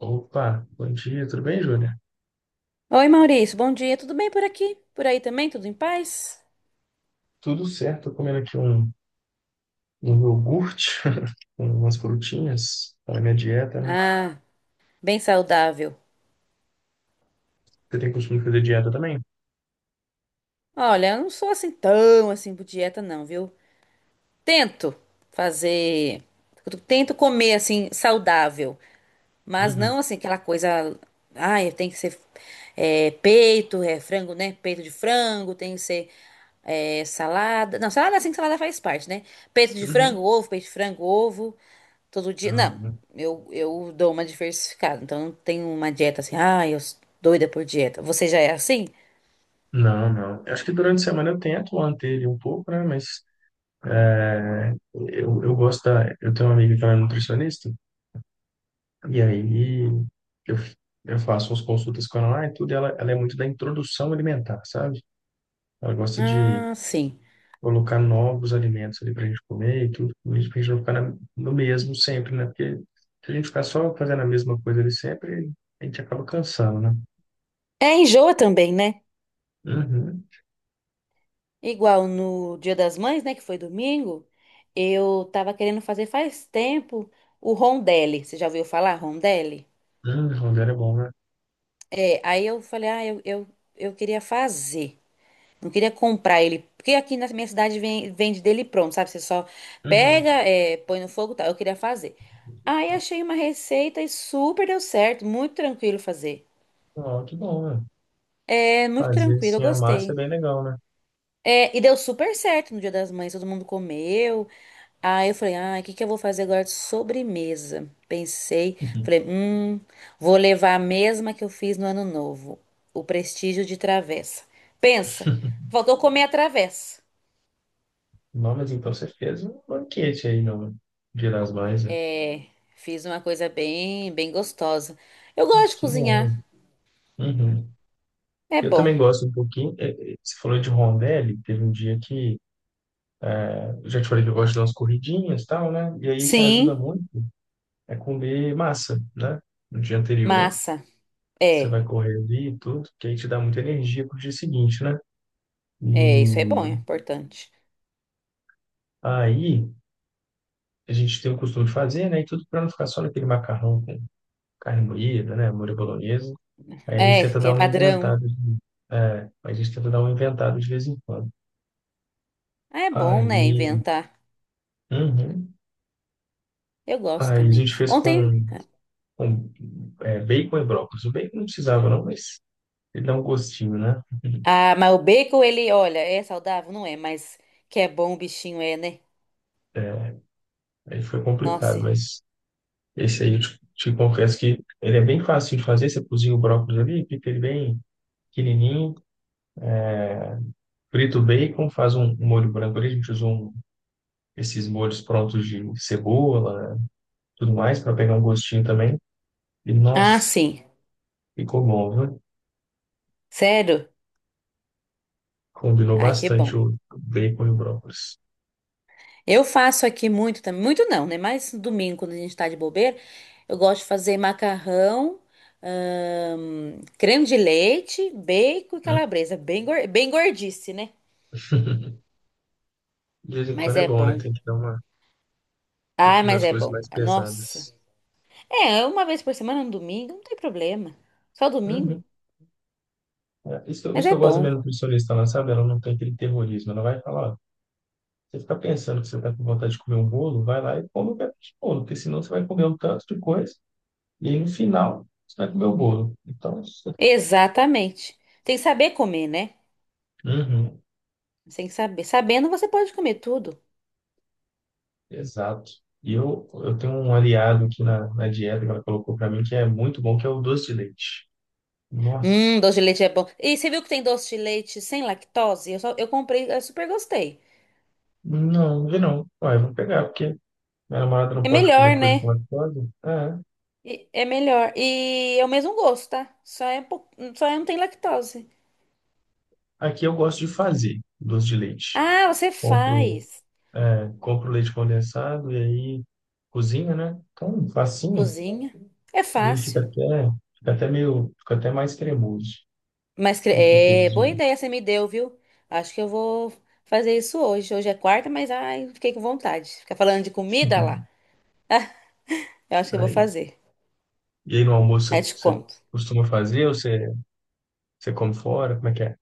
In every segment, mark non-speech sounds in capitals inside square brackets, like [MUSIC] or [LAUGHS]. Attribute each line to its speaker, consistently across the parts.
Speaker 1: Opa, bom dia, tudo bem, Júlia?
Speaker 2: Oi, Maurício, bom dia. Tudo bem por aqui? Por aí também? Tudo em paz?
Speaker 1: Tudo certo, tô comendo aqui um iogurte [LAUGHS] com umas frutinhas para minha dieta, né?
Speaker 2: Ah, bem saudável.
Speaker 1: Você tem costume de fazer dieta também?
Speaker 2: Olha, eu não sou assim tão assim por dieta não, viu? Tento fazer. Tento comer assim, saudável. Mas
Speaker 1: Uhum.
Speaker 2: não assim, aquela coisa. Ai, tem que ser é, peito, é frango, né? Peito de frango, tem que ser é, salada. Não, salada assim que salada faz parte, né? Peito de
Speaker 1: Uhum.
Speaker 2: frango, ovo, peito de frango, ovo. Todo dia.
Speaker 1: Ah, não,
Speaker 2: Não,
Speaker 1: né?
Speaker 2: eu dou uma diversificada. Então não tenho uma dieta assim. Ai, eu sou doida por dieta. Você já é assim?
Speaker 1: Não, não. Eu acho que durante a semana eu tento manter ele um pouco, né? Mas é, eu gosto da. Eu tenho uma amiga que ela é nutricionista, e aí eu, faço umas consultas com ela lá e tudo, e ela, é muito da introdução alimentar, sabe? Ela gosta de
Speaker 2: Ah, sim.
Speaker 1: colocar novos alimentos ali para a gente comer e tudo, para a gente não ficar no mesmo sempre, né? Porque se a gente ficar só fazendo a mesma coisa ali sempre, a gente acaba cansando, né?
Speaker 2: É, enjoa também, né?
Speaker 1: Uhum.
Speaker 2: Igual no Dia das Mães, né, que foi domingo, eu tava querendo fazer faz tempo o rondelli. Você já ouviu falar rondelli?
Speaker 1: Rondelli é bom, né?
Speaker 2: É, aí eu falei, ah, eu queria fazer. Não queria comprar ele, porque aqui na minha cidade vende dele pronto, sabe? Você só pega,
Speaker 1: Uhum.
Speaker 2: é, põe no fogo, e tal. Eu queria fazer. Aí achei uma receita e super deu certo, muito tranquilo fazer.
Speaker 1: Ó, que bom, né?
Speaker 2: É muito
Speaker 1: Fazer
Speaker 2: tranquilo, eu
Speaker 1: assim a massa é
Speaker 2: gostei.
Speaker 1: bem legal, né?
Speaker 2: É, e deu super certo no Dia das Mães, todo mundo comeu. Aí eu falei, ah, o que que eu vou fazer agora de sobremesa? Pensei,
Speaker 1: Uhum.
Speaker 2: falei, vou levar a mesma que eu fiz no Ano Novo, o prestígio de travessa. Pensa,
Speaker 1: [LAUGHS]
Speaker 2: faltou comer a travessa.
Speaker 1: Não, mas então você fez um banquete aí, não? Dia das Mães, né?
Speaker 2: Fiz uma coisa bem, bem gostosa. Eu gosto de
Speaker 1: Que
Speaker 2: cozinhar,
Speaker 1: bom. Uhum.
Speaker 2: é
Speaker 1: Eu
Speaker 2: bom.
Speaker 1: também gosto um pouquinho. Você falou de rondelli, teve um dia que eu já te falei que eu gosto de dar umas corridinhas e tal, né? E aí o que ajuda
Speaker 2: Sim,
Speaker 1: muito é comer massa, né? No dia anterior,
Speaker 2: massa.
Speaker 1: você
Speaker 2: É,
Speaker 1: vai correr ali e tudo, que aí te dá muita energia pro dia seguinte, né?
Speaker 2: é, isso é bom, é
Speaker 1: E
Speaker 2: importante.
Speaker 1: aí a gente tem o costume de fazer, né? E tudo para não ficar só naquele macarrão com carne moída, né? Molho bolonhesa. Aí a gente
Speaker 2: É,
Speaker 1: tenta
Speaker 2: que
Speaker 1: dar
Speaker 2: é
Speaker 1: uma
Speaker 2: padrão.
Speaker 1: inventada, é, a gente tenta dar uma inventada de vez em quando.
Speaker 2: Ah, é bom,
Speaker 1: Aí,
Speaker 2: né, inventar.
Speaker 1: uhum.
Speaker 2: Eu gosto
Speaker 1: Aí a
Speaker 2: também.
Speaker 1: gente fez
Speaker 2: Ontem.
Speaker 1: com é, bacon e brócolis. O bacon não precisava, não, mas ele dá um gostinho, né?
Speaker 2: Ah, mas o bacon, ele, olha, é saudável? Não é, mas que é bom o bichinho é, né?
Speaker 1: Aí foi complicado,
Speaker 2: Nossa.
Speaker 1: mas esse aí eu te confesso que ele é bem fácil de fazer. Você cozinha o brócolis ali, pica ele bem pequenininho, frita o bacon, faz um molho branco ali. A gente usa esses molhos prontos de cebola, tudo mais, para pegar um gostinho também. E
Speaker 2: Ah,
Speaker 1: nossa,
Speaker 2: sim.
Speaker 1: ficou bom, viu?
Speaker 2: Sério?
Speaker 1: Combinou
Speaker 2: Ai, que bom.
Speaker 1: bastante o bacon e o brócolis.
Speaker 2: Eu faço aqui muito também. Muito não, né? Mas no domingo, quando a gente tá de bobeira, eu gosto de fazer macarrão, creme de leite, bacon e
Speaker 1: Hum.
Speaker 2: calabresa. Bem, bem gordice, né?
Speaker 1: [LAUGHS] De vez em
Speaker 2: Mas
Speaker 1: quando é
Speaker 2: é
Speaker 1: bom, né?
Speaker 2: bom.
Speaker 1: Tem que dar uma, tem que
Speaker 2: Ai,
Speaker 1: comer
Speaker 2: mas
Speaker 1: as
Speaker 2: é
Speaker 1: coisas
Speaker 2: bom.
Speaker 1: mais
Speaker 2: Nossa.
Speaker 1: pesadas.
Speaker 2: É, uma vez por semana, no domingo, não tem problema. Só
Speaker 1: Uhum.
Speaker 2: domingo.
Speaker 1: É, isso,
Speaker 2: Mas
Speaker 1: isso que
Speaker 2: é
Speaker 1: eu gosto da minha
Speaker 2: bom.
Speaker 1: nutricionista, ela sabe? Ela não tem aquele terrorismo. Ela vai falar, você fica pensando que você está com vontade de comer um bolo, vai lá e come um pedaço de bolo, porque senão você vai comer um tanto de coisa e aí no final você vai comer o bolo. Então, isso...
Speaker 2: Exatamente. Tem que saber comer, né?
Speaker 1: Uhum,
Speaker 2: Você tem que saber. Sabendo, você pode comer tudo.
Speaker 1: exato. E eu, tenho um aliado aqui na dieta que ela colocou para mim que é muito bom, que é o doce de leite. Nossa,
Speaker 2: Doce de leite é bom. E você viu que tem doce de leite sem lactose? Eu, só, eu comprei, eu super gostei.
Speaker 1: não, não vi não. Ué, vou pegar, porque minha namorada não
Speaker 2: É
Speaker 1: pode
Speaker 2: melhor,
Speaker 1: comer coisa com
Speaker 2: né?
Speaker 1: lactose. É.
Speaker 2: E- É melhor. E é o mesmo gosto, tá? Só não tem lactose.
Speaker 1: Aqui eu gosto de fazer doce de leite.
Speaker 2: Ah, você
Speaker 1: Compro,
Speaker 2: faz.
Speaker 1: é, compro leite condensado e aí cozinha, né? Então, facinho.
Speaker 2: Cozinha. É
Speaker 1: E ele
Speaker 2: fácil.
Speaker 1: fica até meio, fica até mais cremoso
Speaker 2: Mas cre-
Speaker 1: do que aqueles
Speaker 2: É boa
Speaker 1: de...
Speaker 2: ideia você me deu, viu? Acho que eu vou fazer isso hoje. Hoje é quarta, mas ai, fiquei com vontade. Ficar falando de comida lá.
Speaker 1: [LAUGHS]
Speaker 2: Eu acho que eu vou
Speaker 1: Aí.
Speaker 2: fazer.
Speaker 1: E aí no
Speaker 2: Aí
Speaker 1: almoço
Speaker 2: eu te
Speaker 1: você
Speaker 2: conto.
Speaker 1: costuma fazer ou você, você come fora? Como é que é?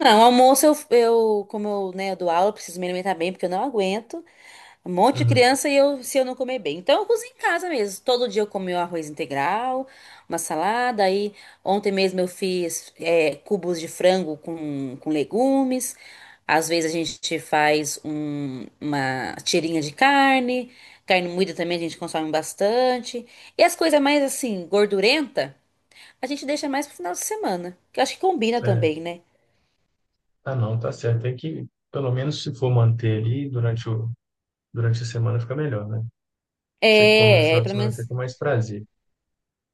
Speaker 2: Não, almoço eu como eu, né, eu dou aula, eu preciso me alimentar bem, porque eu não aguento um monte de
Speaker 1: Uhum.
Speaker 2: criança e eu, se eu não comer bem. Então eu cozinho em casa mesmo. Todo dia eu como meu arroz integral, uma salada. Aí ontem mesmo eu fiz é, cubos de frango com legumes. Às vezes a gente faz uma tirinha de carne. Carne moída também a gente consome bastante. E as coisas mais assim, gordurenta, a gente deixa mais pro final de semana. Que eu acho que combina
Speaker 1: É.
Speaker 2: também, né?
Speaker 1: Ah, não, tá certo. Tem que, pelo menos se for manter ali durante a semana fica melhor, né? Você come no
Speaker 2: É,
Speaker 1: final
Speaker 2: aí
Speaker 1: de
Speaker 2: pelo
Speaker 1: semana até
Speaker 2: menos
Speaker 1: com mais prazer.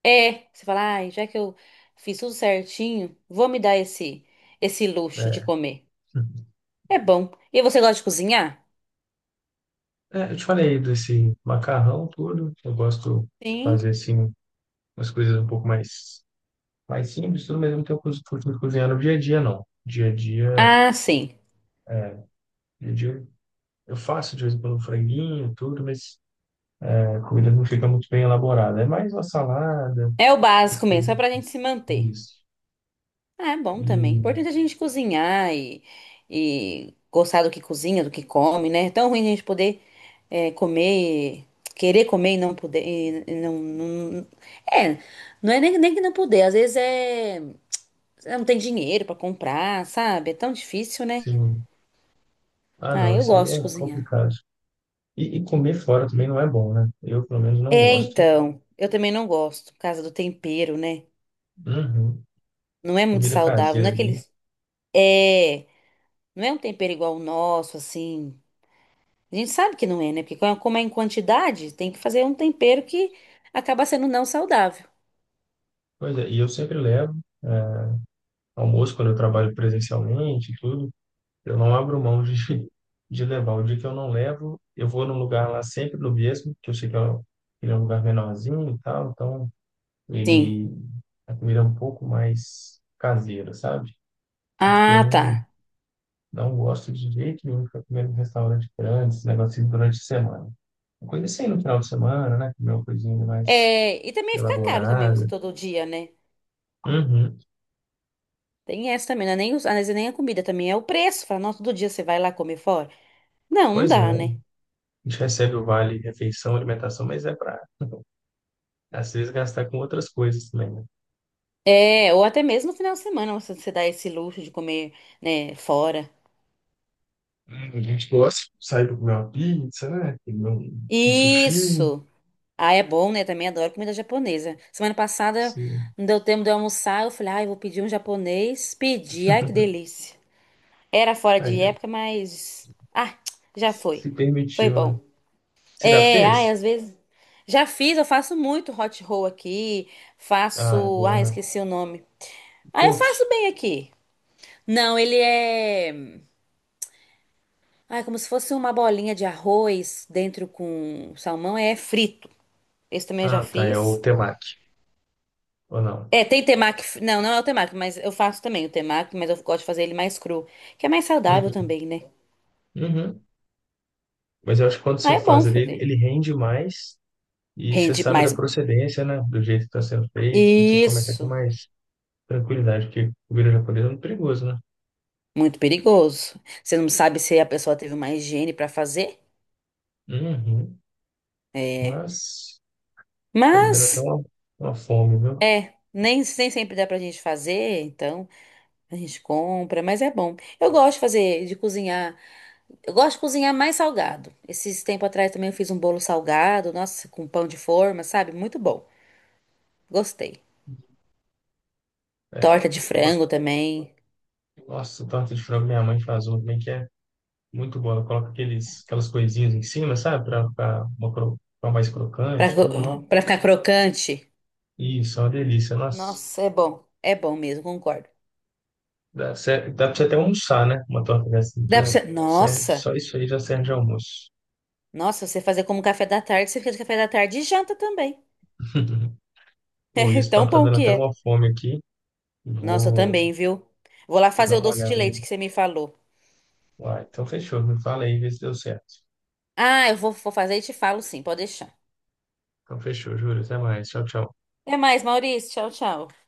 Speaker 2: é. Você fala, ai, já que eu fiz tudo certinho, vou me dar esse luxo de
Speaker 1: É.
Speaker 2: comer. É bom. E você gosta de cozinhar?
Speaker 1: É, eu te falei desse macarrão todo. Eu gosto de
Speaker 2: Sim.
Speaker 1: fazer assim umas coisas um pouco mais mais simples, tudo, mas eu não tenho costume de cozinhar no dia a dia, não. Dia a dia,
Speaker 2: Ah, sim.
Speaker 1: dia a dia eu faço de vez em quando um franguinho, tudo, mas a comida não fica muito bem elaborada. É mais uma salada,
Speaker 2: É o
Speaker 1: essas
Speaker 2: básico mesmo, só
Speaker 1: coisas.
Speaker 2: pra gente se manter.
Speaker 1: Isso.
Speaker 2: Ah, é bom
Speaker 1: E,
Speaker 2: também. Importante a gente cozinhar e gostar do que cozinha, do que come, né? É tão ruim a gente poder é, comer, querer comer e não poder. e não, não- é, não é nem, nem que não poder, às vezes é. Você não tem dinheiro pra comprar, sabe? É tão difícil, né?
Speaker 1: sim. Ah,
Speaker 2: Ah,
Speaker 1: não,
Speaker 2: eu
Speaker 1: isso aí
Speaker 2: gosto
Speaker 1: é
Speaker 2: de cozinhar.
Speaker 1: complicado. E comer fora também não é bom, né? Eu, pelo menos, não
Speaker 2: É,
Speaker 1: gosto.
Speaker 2: então, eu também não gosto, por causa do tempero, né?
Speaker 1: Uhum.
Speaker 2: Não é muito
Speaker 1: Comida
Speaker 2: saudável, não
Speaker 1: caseira
Speaker 2: é aquele.
Speaker 1: ali.
Speaker 2: É, não é um tempero igual o nosso, assim. A gente sabe que não é, né? Porque como é em quantidade, tem que fazer um tempero que acaba sendo não saudável.
Speaker 1: Pois é, e eu sempre levo é, almoço quando eu trabalho presencialmente e tudo. Eu não abro mão de, [LAUGHS] de levar. O dia que eu não levo, eu vou num lugar lá sempre no mesmo, que eu sei que é que é um lugar menorzinho e tal, então
Speaker 2: Sim.
Speaker 1: ele a comida é um pouco mais caseira, sabe? Porque eu
Speaker 2: Ah, tá.
Speaker 1: não, não gosto de jeito nenhum de ficar comendo em restaurante grande, esse negócio assim, durante a semana. Uma coisa assim no final de semana, né? Comer uma coisinha mais
Speaker 2: É, e também fica caro também você
Speaker 1: elaborada.
Speaker 2: todo dia, né?
Speaker 1: Uhum.
Speaker 2: Tem essa também, não é nem, às vezes nem a comida também, é o preço. Fala, nossa, todo dia você vai lá comer fora? Não, não
Speaker 1: Pois é,
Speaker 2: dá,
Speaker 1: a
Speaker 2: né?
Speaker 1: gente recebe o vale refeição, alimentação, mas é para às vezes gastar com outras coisas também, né?
Speaker 2: É, ou até mesmo no final de semana, você dá esse luxo de comer, né, fora.
Speaker 1: A gente gosta de sair para comer uma pizza, né? Comer um sushi.
Speaker 2: Isso! Ah, é bom, né? Também adoro comida japonesa. Semana passada
Speaker 1: Assim.
Speaker 2: não deu tempo de eu almoçar, eu falei, ai, eu vou pedir um japonês. Pedi, ai, que
Speaker 1: [LAUGHS]
Speaker 2: delícia. Era fora de
Speaker 1: Aí,
Speaker 2: época, mas. Ah, já foi.
Speaker 1: se
Speaker 2: Foi
Speaker 1: permitiu, né?
Speaker 2: bom.
Speaker 1: Você já
Speaker 2: É, ai,
Speaker 1: fez?
Speaker 2: às vezes. Já fiz, eu faço muito hot roll aqui.
Speaker 1: Ah, é
Speaker 2: Faço.
Speaker 1: bom,
Speaker 2: Ai,
Speaker 1: né?
Speaker 2: esqueci o nome. Ah, eu
Speaker 1: Poke.
Speaker 2: faço bem aqui. Não, ele é. Ah, é como se fosse uma bolinha de arroz dentro com salmão, é frito. Esse também eu já
Speaker 1: Ah, tá. É o
Speaker 2: fiz.
Speaker 1: temaki. Ou não?
Speaker 2: É, tem temaki, não, não é o temaki, mas eu faço também o temaki, mas eu gosto de fazer ele mais cru, que é mais saudável
Speaker 1: Uhum.
Speaker 2: também, né?
Speaker 1: Uhum. Mas eu acho que quando
Speaker 2: Ah,
Speaker 1: você
Speaker 2: é bom
Speaker 1: faz ali,
Speaker 2: fazer.
Speaker 1: ele rende mais e você
Speaker 2: Rende
Speaker 1: sabe da
Speaker 2: mais.
Speaker 1: procedência, né? Do jeito que está sendo feito, tudo você come até com
Speaker 2: Isso,
Speaker 1: mais tranquilidade, porque comida japonesa é muito perigoso, né?
Speaker 2: muito perigoso. Você não sabe se a pessoa teve uma higiene pra fazer?
Speaker 1: Uhum.
Speaker 2: É.
Speaker 1: Mas tá me dando até
Speaker 2: Mas,
Speaker 1: uma fome, viu?
Speaker 2: é, nem, nem sempre dá pra gente fazer, então a gente compra, mas é bom. Eu gosto de fazer, de cozinhar. Eu gosto de cozinhar mais salgado. Esses tempo atrás também eu fiz um bolo salgado, nossa, com pão de forma, sabe? Muito bom. Gostei.
Speaker 1: É,
Speaker 2: Torta de
Speaker 1: uma,
Speaker 2: frango também,
Speaker 1: nossa, torta de frango minha mãe faz uma também que é muito boa. Ela coloca aqueles, aquelas coisinhas em cima, sabe? Pra ficar uma ficar mais crocante, tudo, não?
Speaker 2: pra ficar crocante.
Speaker 1: Isso, é uma delícia. Nossa,
Speaker 2: Nossa, é bom. É bom mesmo, concordo.
Speaker 1: dá, dá pra você até almoçar, né? Uma torta dessa.
Speaker 2: Dá pra
Speaker 1: Já
Speaker 2: você... Nossa,
Speaker 1: só isso aí já serve de almoço.
Speaker 2: nossa, você fazer como café da tarde, você fica de café da tarde e janta também. [LAUGHS]
Speaker 1: [LAUGHS] Pô, e
Speaker 2: É
Speaker 1: esse
Speaker 2: tão
Speaker 1: papo tá
Speaker 2: bom
Speaker 1: dando
Speaker 2: que
Speaker 1: até uma
Speaker 2: é.
Speaker 1: fome aqui.
Speaker 2: Nossa, eu
Speaker 1: Vou,
Speaker 2: também, viu? Vou lá
Speaker 1: vou dar
Speaker 2: fazer o
Speaker 1: uma
Speaker 2: doce de
Speaker 1: olhada ali.
Speaker 2: leite que você me falou.
Speaker 1: Uai, então fechou. Me fala aí, vê se deu certo.
Speaker 2: Ah, eu vou, vou fazer e te falo sim, pode deixar.
Speaker 1: Então fechou, juro. Até mais. Tchau, tchau.
Speaker 2: Até mais, Maurício. Tchau, tchau.